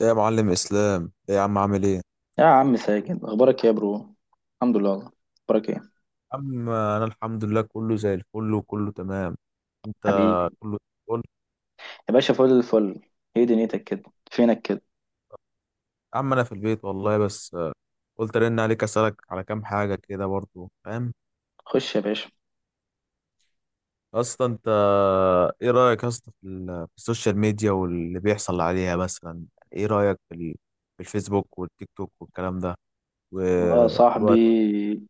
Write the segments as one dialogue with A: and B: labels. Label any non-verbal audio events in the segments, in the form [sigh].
A: ايه يا معلم اسلام، ايه يا عم؟ عامل ايه يا
B: يا عم ساجد اخبارك إيه يا برو؟ الحمد لله والله. اخبارك ايه
A: عم؟ انا الحمد لله، كله زي الفل وكله تمام. انت؟
B: حبيبي؟
A: كله؟ قول.
B: يا باشا فل الفل. ايه دنيتك كده؟ فينك كده؟
A: يا عم انا في البيت والله، بس قلت ارن عليك اسالك على كام حاجه كده برضو، فاهم؟
B: خش يا باشا.
A: اصلا انت ايه رايك اصلا في في السوشيال ميديا واللي بيحصل عليها مثلا؟ ايه رايك في في الفيسبوك والتيك توك والكلام ده
B: والله يا
A: والوقت؟
B: صاحبي،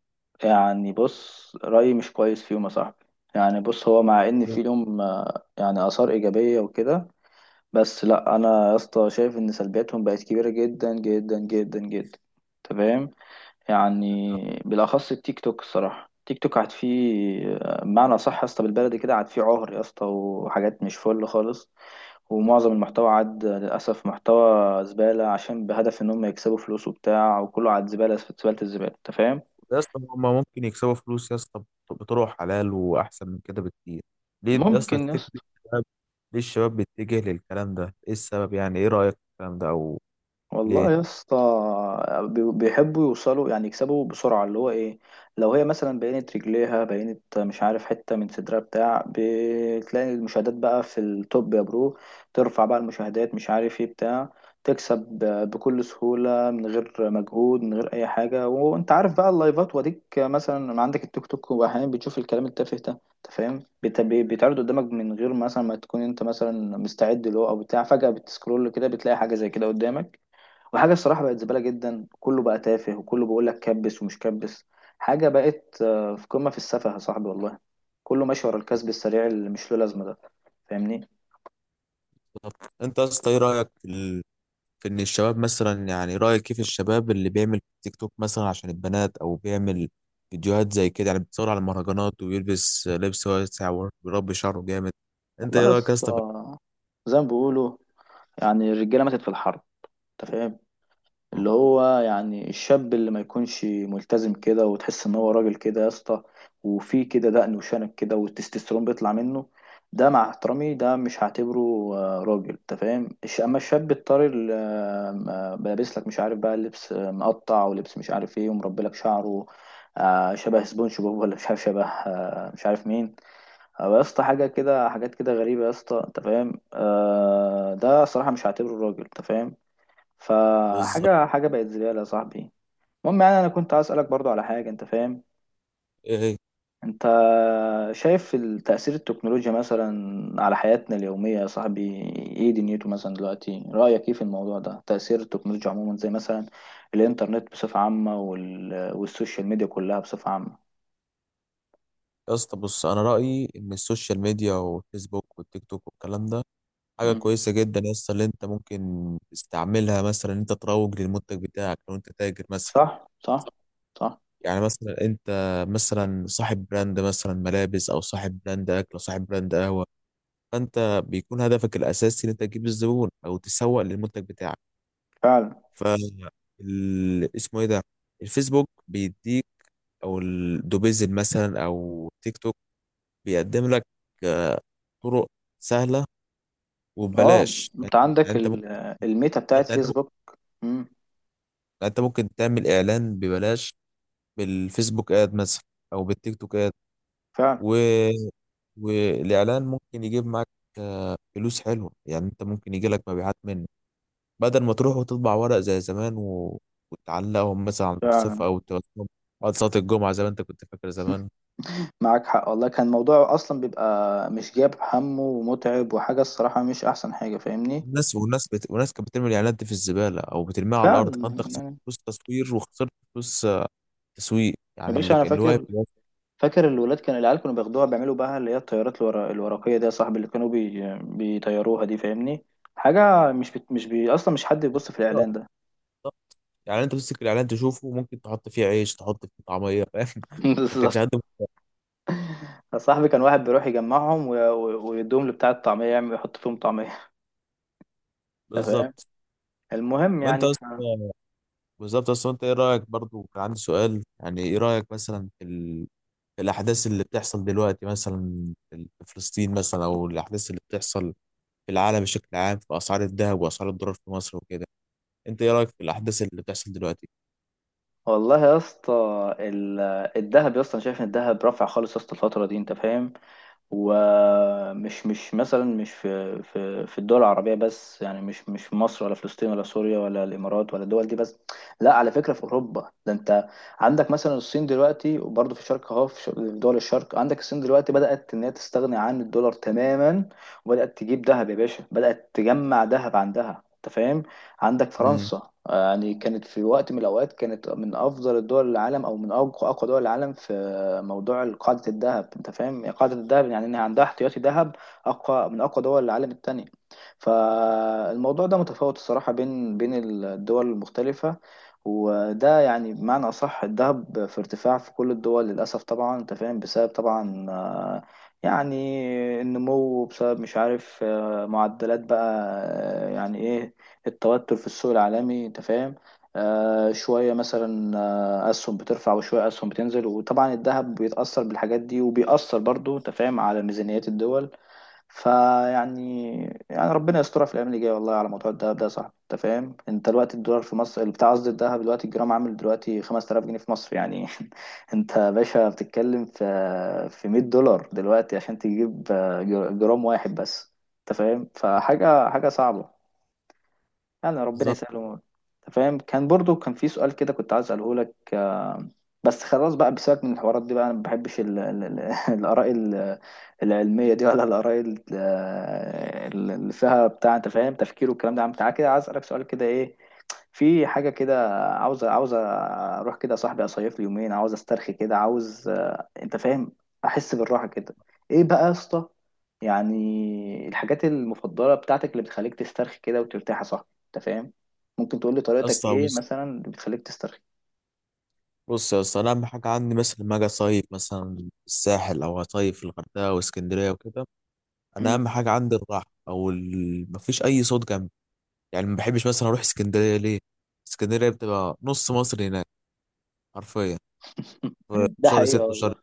B: يعني بص، رأيي مش كويس فيهم يا صاحبي. يعني بص، هو مع ان في لهم يعني آثار إيجابية وكده، بس لا، انا يا اسطى شايف ان سلبياتهم بقت كبيرة جدا جدا جدا جدا. تمام. يعني بالاخص التيك توك، الصراحه التيك توك قعد فيه، بمعنى صح يا اسطى بالبلدي كده، قعد فيه عهر يا اسطى وحاجات مش فل خالص. ومعظم المحتوى عاد للاسف محتوى زباله، عشان بهدف ان هم يكسبوا فلوس وبتاع، وكله عاد زباله في زباله الزباله، انت فاهم.
A: يا اسطى هما ممكن يكسبوا فلوس يا اسطى بطرق حلال واحسن من كده بكتير. ليه يا اسطى
B: ممكن يا
A: تفتكر؟
B: اسطى.
A: ليه الشباب بيتجه للكلام ده؟ ايه السبب؟ يعني ايه رأيك في الكلام ده؟ او ليه؟
B: والله يا اسطى بيحبوا يوصلوا، يعني يكسبوا بسرعة، اللي هو ايه، لو هي مثلا بينت رجليها، بينت مش عارف حتة من صدرها بتاع، بتلاقي المشاهدات بقى في التوب يا برو. ترفع بقى المشاهدات مش عارف ايه بتاع، تكسب بكل سهولة من غير مجهود، من غير أي حاجة. وأنت عارف بقى اللايفات، وأديك مثلا عندك التيك توك، وأحيانا بتشوف الكلام التافه ده أنت فاهم، بيتعرض قدامك من غير مثلا ما تكون أنت مثلا مستعد له أو بتاع، فجأة بتسكرول كده بتلاقي حاجة زي كده قدامك. وحاجة الصراحة بقت زبالة جدا، كله بقى تافه، وكله بيقول لك كبس ومش كبس. حاجة بقت في قمة في السفه يا صاحبي، والله. كله ماشي ورا الكسب السريع اللي مش له لازمة ده، فاهمني.
A: بالظبط. انت يا اسطى ايه رأيك في في ان الشباب مثلا، يعني رأيك كيف الشباب اللي بيعمل تيك توك مثلا عشان البنات او بيعمل فيديوهات زي كده؟ يعني بتصور على المهرجانات ويلبس لبس واسع ويربي شعره جامد. انت
B: والله
A: ايه
B: يا
A: رأيك يا اسطى في
B: اسطى، زي ما بيقولوا، يعني الرجالة ماتت في الحرب، انت فاهم.
A: الحوار؟
B: اللي هو يعني الشاب اللي ما يكونش ملتزم كده، وتحس ان هو راجل كده يا اسطى، وفي كده دقن وشنب كده والتستوستيرون بيطلع منه، ده مع احترامي ده مش هعتبره راجل، انت فاهم. اما الشاب الطري اللي لابس لك مش عارف بقى لبس مقطع، ولبس مش عارف ايه، ومربي لك شعره شبه سبونج بوب، ولا مش عارف شبه مش عارف مين، أو يا اسطى حاجه كده، حاجات كده غريبه يا اسطى انت فاهم، ده صراحه مش هعتبره راجل، انت فاهم.
A: بالظبط.
B: فحاجة حاجة بقت زبالة يا صاحبي. المهم، يعني أنا كنت عايز أسألك برضو على حاجة أنت فاهم.
A: ايه هي؟
B: أنت شايف تأثير التكنولوجيا مثلا على حياتنا اليومية يا صاحبي؟ إيه دنيته مثلا دلوقتي، رأيك إيه في الموضوع ده، تأثير التكنولوجيا عموما زي مثلا الإنترنت بصفة عامة، والسوشيال ميديا كلها بصفة عامة.
A: يا اسطى بص، انا رأيي ان السوشيال ميديا والفيسبوك والتيك توك والكلام ده حاجة
B: مم.
A: كويسة جدا يا اسطى، اللي انت ممكن تستعملها مثلا ان انت تروج للمنتج بتاعك لو انت تاجر مثلا.
B: صح صح. صح.
A: يعني مثلا انت مثلا صاحب براند مثلا ملابس، او صاحب براند اكل، او صاحب براند قهوه. فانت بيكون هدفك الاساسي ان انت تجيب الزبون او تسوق للمنتج بتاعك.
B: فعلا.
A: ف اسمه ايه ده، الفيسبوك بيديك، او الدوبيزل مثلا، او تيك توك، بيقدم لك آه، طرق سهله
B: اه،
A: وببلاش. يعني
B: انت عندك
A: يعني
B: الميتا
A: يعني
B: بتاعت
A: انت ممكن
B: فيسبوك. مم.
A: انت ممكن تعمل اعلان ببلاش بالفيسبوك اد مثلا، او بالتيك توك
B: فعلا.
A: اد. والاعلان ممكن يجيب معاك فلوس حلوه، يعني انت ممكن يجي لك مبيعات منه بدل ما تروح وتطبع ورق زي زمان وتعلقهم مثلا على المرصفه
B: فعلا.
A: او توزعهم بعد صلاه الجمعه، زي ما انت كنت فاكر زمان.
B: معاك حق والله، كان الموضوع اصلا بيبقى مش جاب همه ومتعب، وحاجه الصراحه مش احسن حاجه، فاهمني.
A: الناس والناس بت... والناس كانت بترمي الاعلانات دي في الزباله او بترميها على الارض،
B: فعلا
A: فانت خسرت
B: يعني.
A: فلوس تصوير وخسرت فلوس تسويق،
B: يا
A: يعني
B: باشا
A: اللي
B: انا
A: اللي واقف
B: فاكر،
A: اللي
B: فاكر الولاد، كان العيال كانوا بياخدوها، بيعملوا بقى اللي هي الطيارات الورق الورقيه دي يا صاحبي، اللي كانوا بيطيروها دي فاهمني. حاجه مش مش اصلا مش حد يبص في الاعلان
A: واقف.
B: ده.
A: يعني انت تمسك الاعلان تشوفه، ممكن تحط فيه عيش، تحط فيه طعميه، فاهم؟
B: [laughs]
A: [laughs] ما كانش حد.
B: بالظبط. يا صاحبي كان واحد بيروح يجمعهم ويدوهم لبتاع الطعميه، يعمل يحط فيهم طعميه. [laughs] أنت فاهم.
A: بالظبط.
B: المهم
A: وانت
B: يعني
A: اصلا، بالظبط، اصل انت ايه رايك برضو؟ كان عندي سؤال، يعني ايه رايك مثلا في الاحداث اللي بتحصل دلوقتي مثلا في فلسطين مثلا، او الاحداث اللي بتحصل في العالم بشكل عام، في اسعار الذهب واسعار الدولار في مصر وكده؟ انت ايه رايك في الاحداث اللي بتحصل دلوقتي؟
B: والله يا اسطى، ال- الذهب يا اسطى، انا شايف ان الذهب رافع خالص يا اسطى الفتره دي، انت فاهم. ومش مش مثلا مش في في الدول العربيه بس، يعني مش مش في مصر ولا فلسطين ولا سوريا ولا الامارات ولا الدول دي بس. لا، على فكره في اوروبا، ده انت عندك مثلا الصين دلوقتي، وبرضه في الشرق اهو، في في دول الشرق، عندك الصين دلوقتي بدات ان هي تستغني عن الدولار تماما، وبدات تجيب ذهب يا باشا، بدات تجمع ذهب عندها، انت فاهم. عندك
A: امم.
B: فرنسا، يعني كانت في وقت من الأوقات كانت من أفضل الدول العالم، أو من أقوى أقوى دول العالم في موضوع قاعدة الذهب، أنت فاهم قاعدة الذهب، يعني إنها عندها احتياطي ذهب أقوى من أقوى دول العالم التانية. فالموضوع ده متفاوت الصراحة بين الدول المختلفة. وده يعني بمعنى أصح الذهب في ارتفاع في كل الدول للأسف طبعا، أنت فاهم، بسبب طبعا يعني النمو، بسبب مش عارف معدلات بقى، يعني إيه، التوتر في السوق العالمي انت فاهم. آه شوية مثلا أسهم بترفع، وشوية أسهم بتنزل، وطبعا الذهب بيتأثر بالحاجات دي، وبيأثر برضو انت فاهم على ميزانيات الدول. فيعني، يعني ربنا يسترها في الأيام اللي جاية والله على موضوع الذهب ده يا صاحبي، انت فاهم. انت دلوقتي الدولار في مصر اللي بتاع، قصدي الذهب دلوقتي الجرام عامل دلوقتي 5000 جنيه في مصر يعني. [laughs] انت يا باشا بتتكلم في 100 دولار دلوقتي عشان تجيب جرام واحد بس، انت فاهم. فحاجة حاجة صعبة، يعني ربنا
A: بالظبط.
B: يسهله، انت فاهم. كان برضو كان في سؤال كده كنت عايز اساله لك بس خلاص بقى، بسيبك من الحوارات دي بقى، انا ما بحبش [laughs] الاراء العلميه دي، ولا الاراء اللي فيها بتاع انت فاهم تفكير والكلام ده. عم تعالى كده، عايز اسالك سؤال كده ايه، في حاجة كده، عاوز عاوز أروح كده يا صاحبي، أصيف لي يومين، عاوز أسترخي كده، عاوز أنت فاهم، أحس بالراحة كده. إيه بقى يا اسطى؟ يعني الحاجات المفضلة بتاعتك اللي بتخليك تسترخي كده وترتاح يا صاحبي، أنت فاهم. ممكن تقول لي طريقتك
A: اصلا
B: إيه
A: بص.
B: مثلا اللي بتخليك تسترخي؟
A: بص يا اسطى انا اهم حاجه عندي مثلا لما اجي اصيف مثلا في الساحل، او اصيف في الغردقه واسكندريه وكده. انا
B: مم.
A: اهم حاجه عندي الراحه، او مفيش اي صوت جنبي. يعني ما بحبش مثلا اروح اسكندريه، ليه؟ اسكندريه بتبقى نص مصر هناك، حرفيا، في
B: [laughs] ده
A: شهر
B: حقيقة
A: ستة وشهر.
B: والله.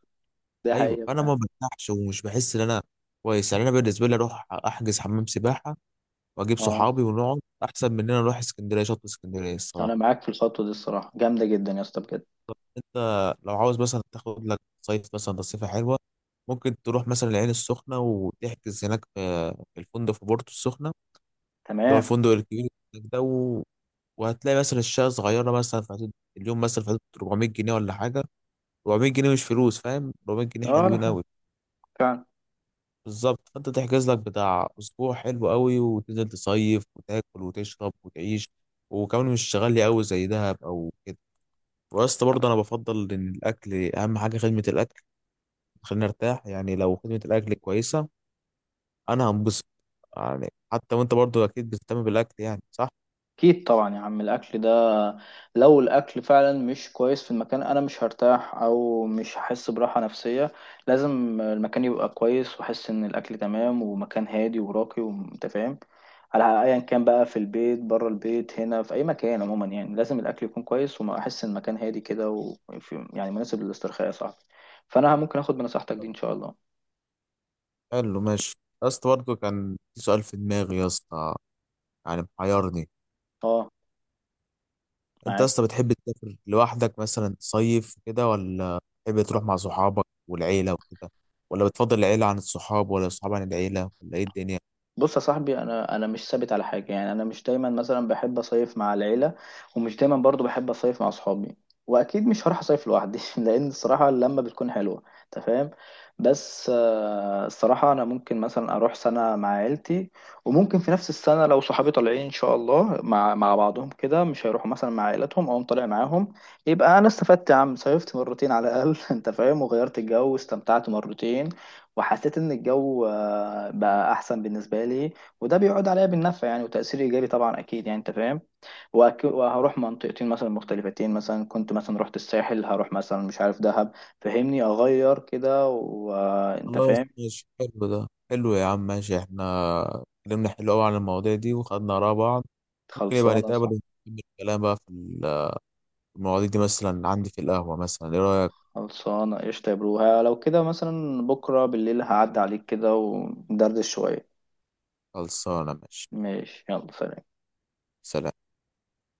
B: ده
A: ايوه،
B: حقيقة
A: فانا ما
B: فعلا.
A: برتاحش ومش بحس ان انا كويس. يعني انا بالنسبه لي اروح احجز حمام سباحه واجيب
B: أه،
A: صحابي ونقعد، احسن من ان انا اروح اسكندريه، شط اسكندريه
B: أنا
A: الصراحه.
B: معاك في الخطوة دي، الصراحة جامدة جدا يا اسطى بجد.
A: طب انت لو عاوز مثلا تاخد لك صيف مثلا تصيفه حلوه، ممكن تروح مثلا العين السخنه وتحجز هناك في الفندق، في بورتو السخنه، اللي هو
B: تمام.
A: الفندق الكبير هناك ده وهتلاقي مثلا الشقه صغيره، مثلا في حدود اليوم مثلا في حدود 400 جنيه ولا حاجه. 400 جنيه مش فلوس، فاهم؟ 400 جنيه
B: أه، لا
A: حلوين
B: حاجة.
A: قوي.
B: فعلا.
A: بالظبط. فانت تحجز لك بتاع اسبوع حلو قوي، وتنزل تصيف وتاكل وتشرب وتعيش، وكمان مش غالي قوي زي دهب او كده. واسطى برضه انا بفضل ان الاكل اهم حاجه، خدمه الاكل. خلينا نرتاح، يعني لو خدمه الاكل كويسه انا هنبسط. يعني حتى وانت برضه اكيد بتهتم بالاكل، يعني صح؟
B: اكيد طبعا يا عم، الاكل ده لو الاكل فعلا مش كويس في المكان انا مش هرتاح، او مش هحس براحه نفسيه. لازم المكان يبقى كويس، واحس ان الاكل تمام، ومكان هادي وراقي، وانت فاهم. على ايا كان بقى، في البيت، بره البيت، هنا في اي مكان عموما، يعني لازم الاكل يكون كويس، واحس ان المكان هادي كده، وفي يعني مناسب للاسترخاء يا صاحبي. فانا ممكن اخد بنصيحتك دي ان شاء الله.
A: حلو، ماشي. يا اسطى برضه كان في سؤال في دماغي يا اسطى، يعني محيرني.
B: اه.
A: انت اصلا بتحب تسافر لوحدك مثلا صيف كده، ولا بتحب تروح مع صحابك والعيله وكده؟ ولا بتفضل العيله عن الصحاب، ولا الصحاب عن العيله، ولا ايه الدنيا؟
B: بص يا صاحبي، انا انا مش ثابت على حاجه، يعني انا مش دايما مثلا بحب اصيف مع العيله، ومش دايما برضو بحب اصيف مع اصحابي، واكيد مش هروح اصيف لوحدي. [laughs] لان الصراحه اللمه بتكون حلوه، انت فاهم. بس الصراحه انا ممكن مثلا اروح سنه مع عيلتي، وممكن في نفس السنه لو صحابي طالعين ان شاء الله مع بعضهم كده، مش هيروحوا مثلا مع عائلتهم، او طالع معاهم. يبقى انا استفدت يا عم، صيفت مرتين على الاقل. [laughs] انت فاهم، وغيرت الجو واستمتعت مرتين، وحسيت ان الجو بقى احسن بالنسبه لي. وده بيعود عليا بالنفع يعني، وتاثير ايجابي طبعا اكيد يعني، انت فاهم. وهروح منطقتين مثلا مختلفتين، مثلا كنت مثلا رحت الساحل، هروح مثلا مش عارف دهب، فهمني اغير كده وانت
A: خلاص
B: فاهم.
A: ماشي، حلو، ده حلو يا عم، ماشي. احنا اتكلمنا حلو قوي عن المواضيع دي وخدنا اراء بعض. ممكن يبقى
B: خلصانه
A: نتقابل
B: صح.
A: ونكمل الكلام بقى في المواضيع دي، مثلا عندي في القهوه مثلا، ايه رايك؟
B: خلصانه قشطه يا برو. ها، لو كده مثلا بكره بالليل هعدي عليك كده، وندردش شويه.
A: خلصانه، ماشي.
B: ماشي، يلا سلام.
A: سلام.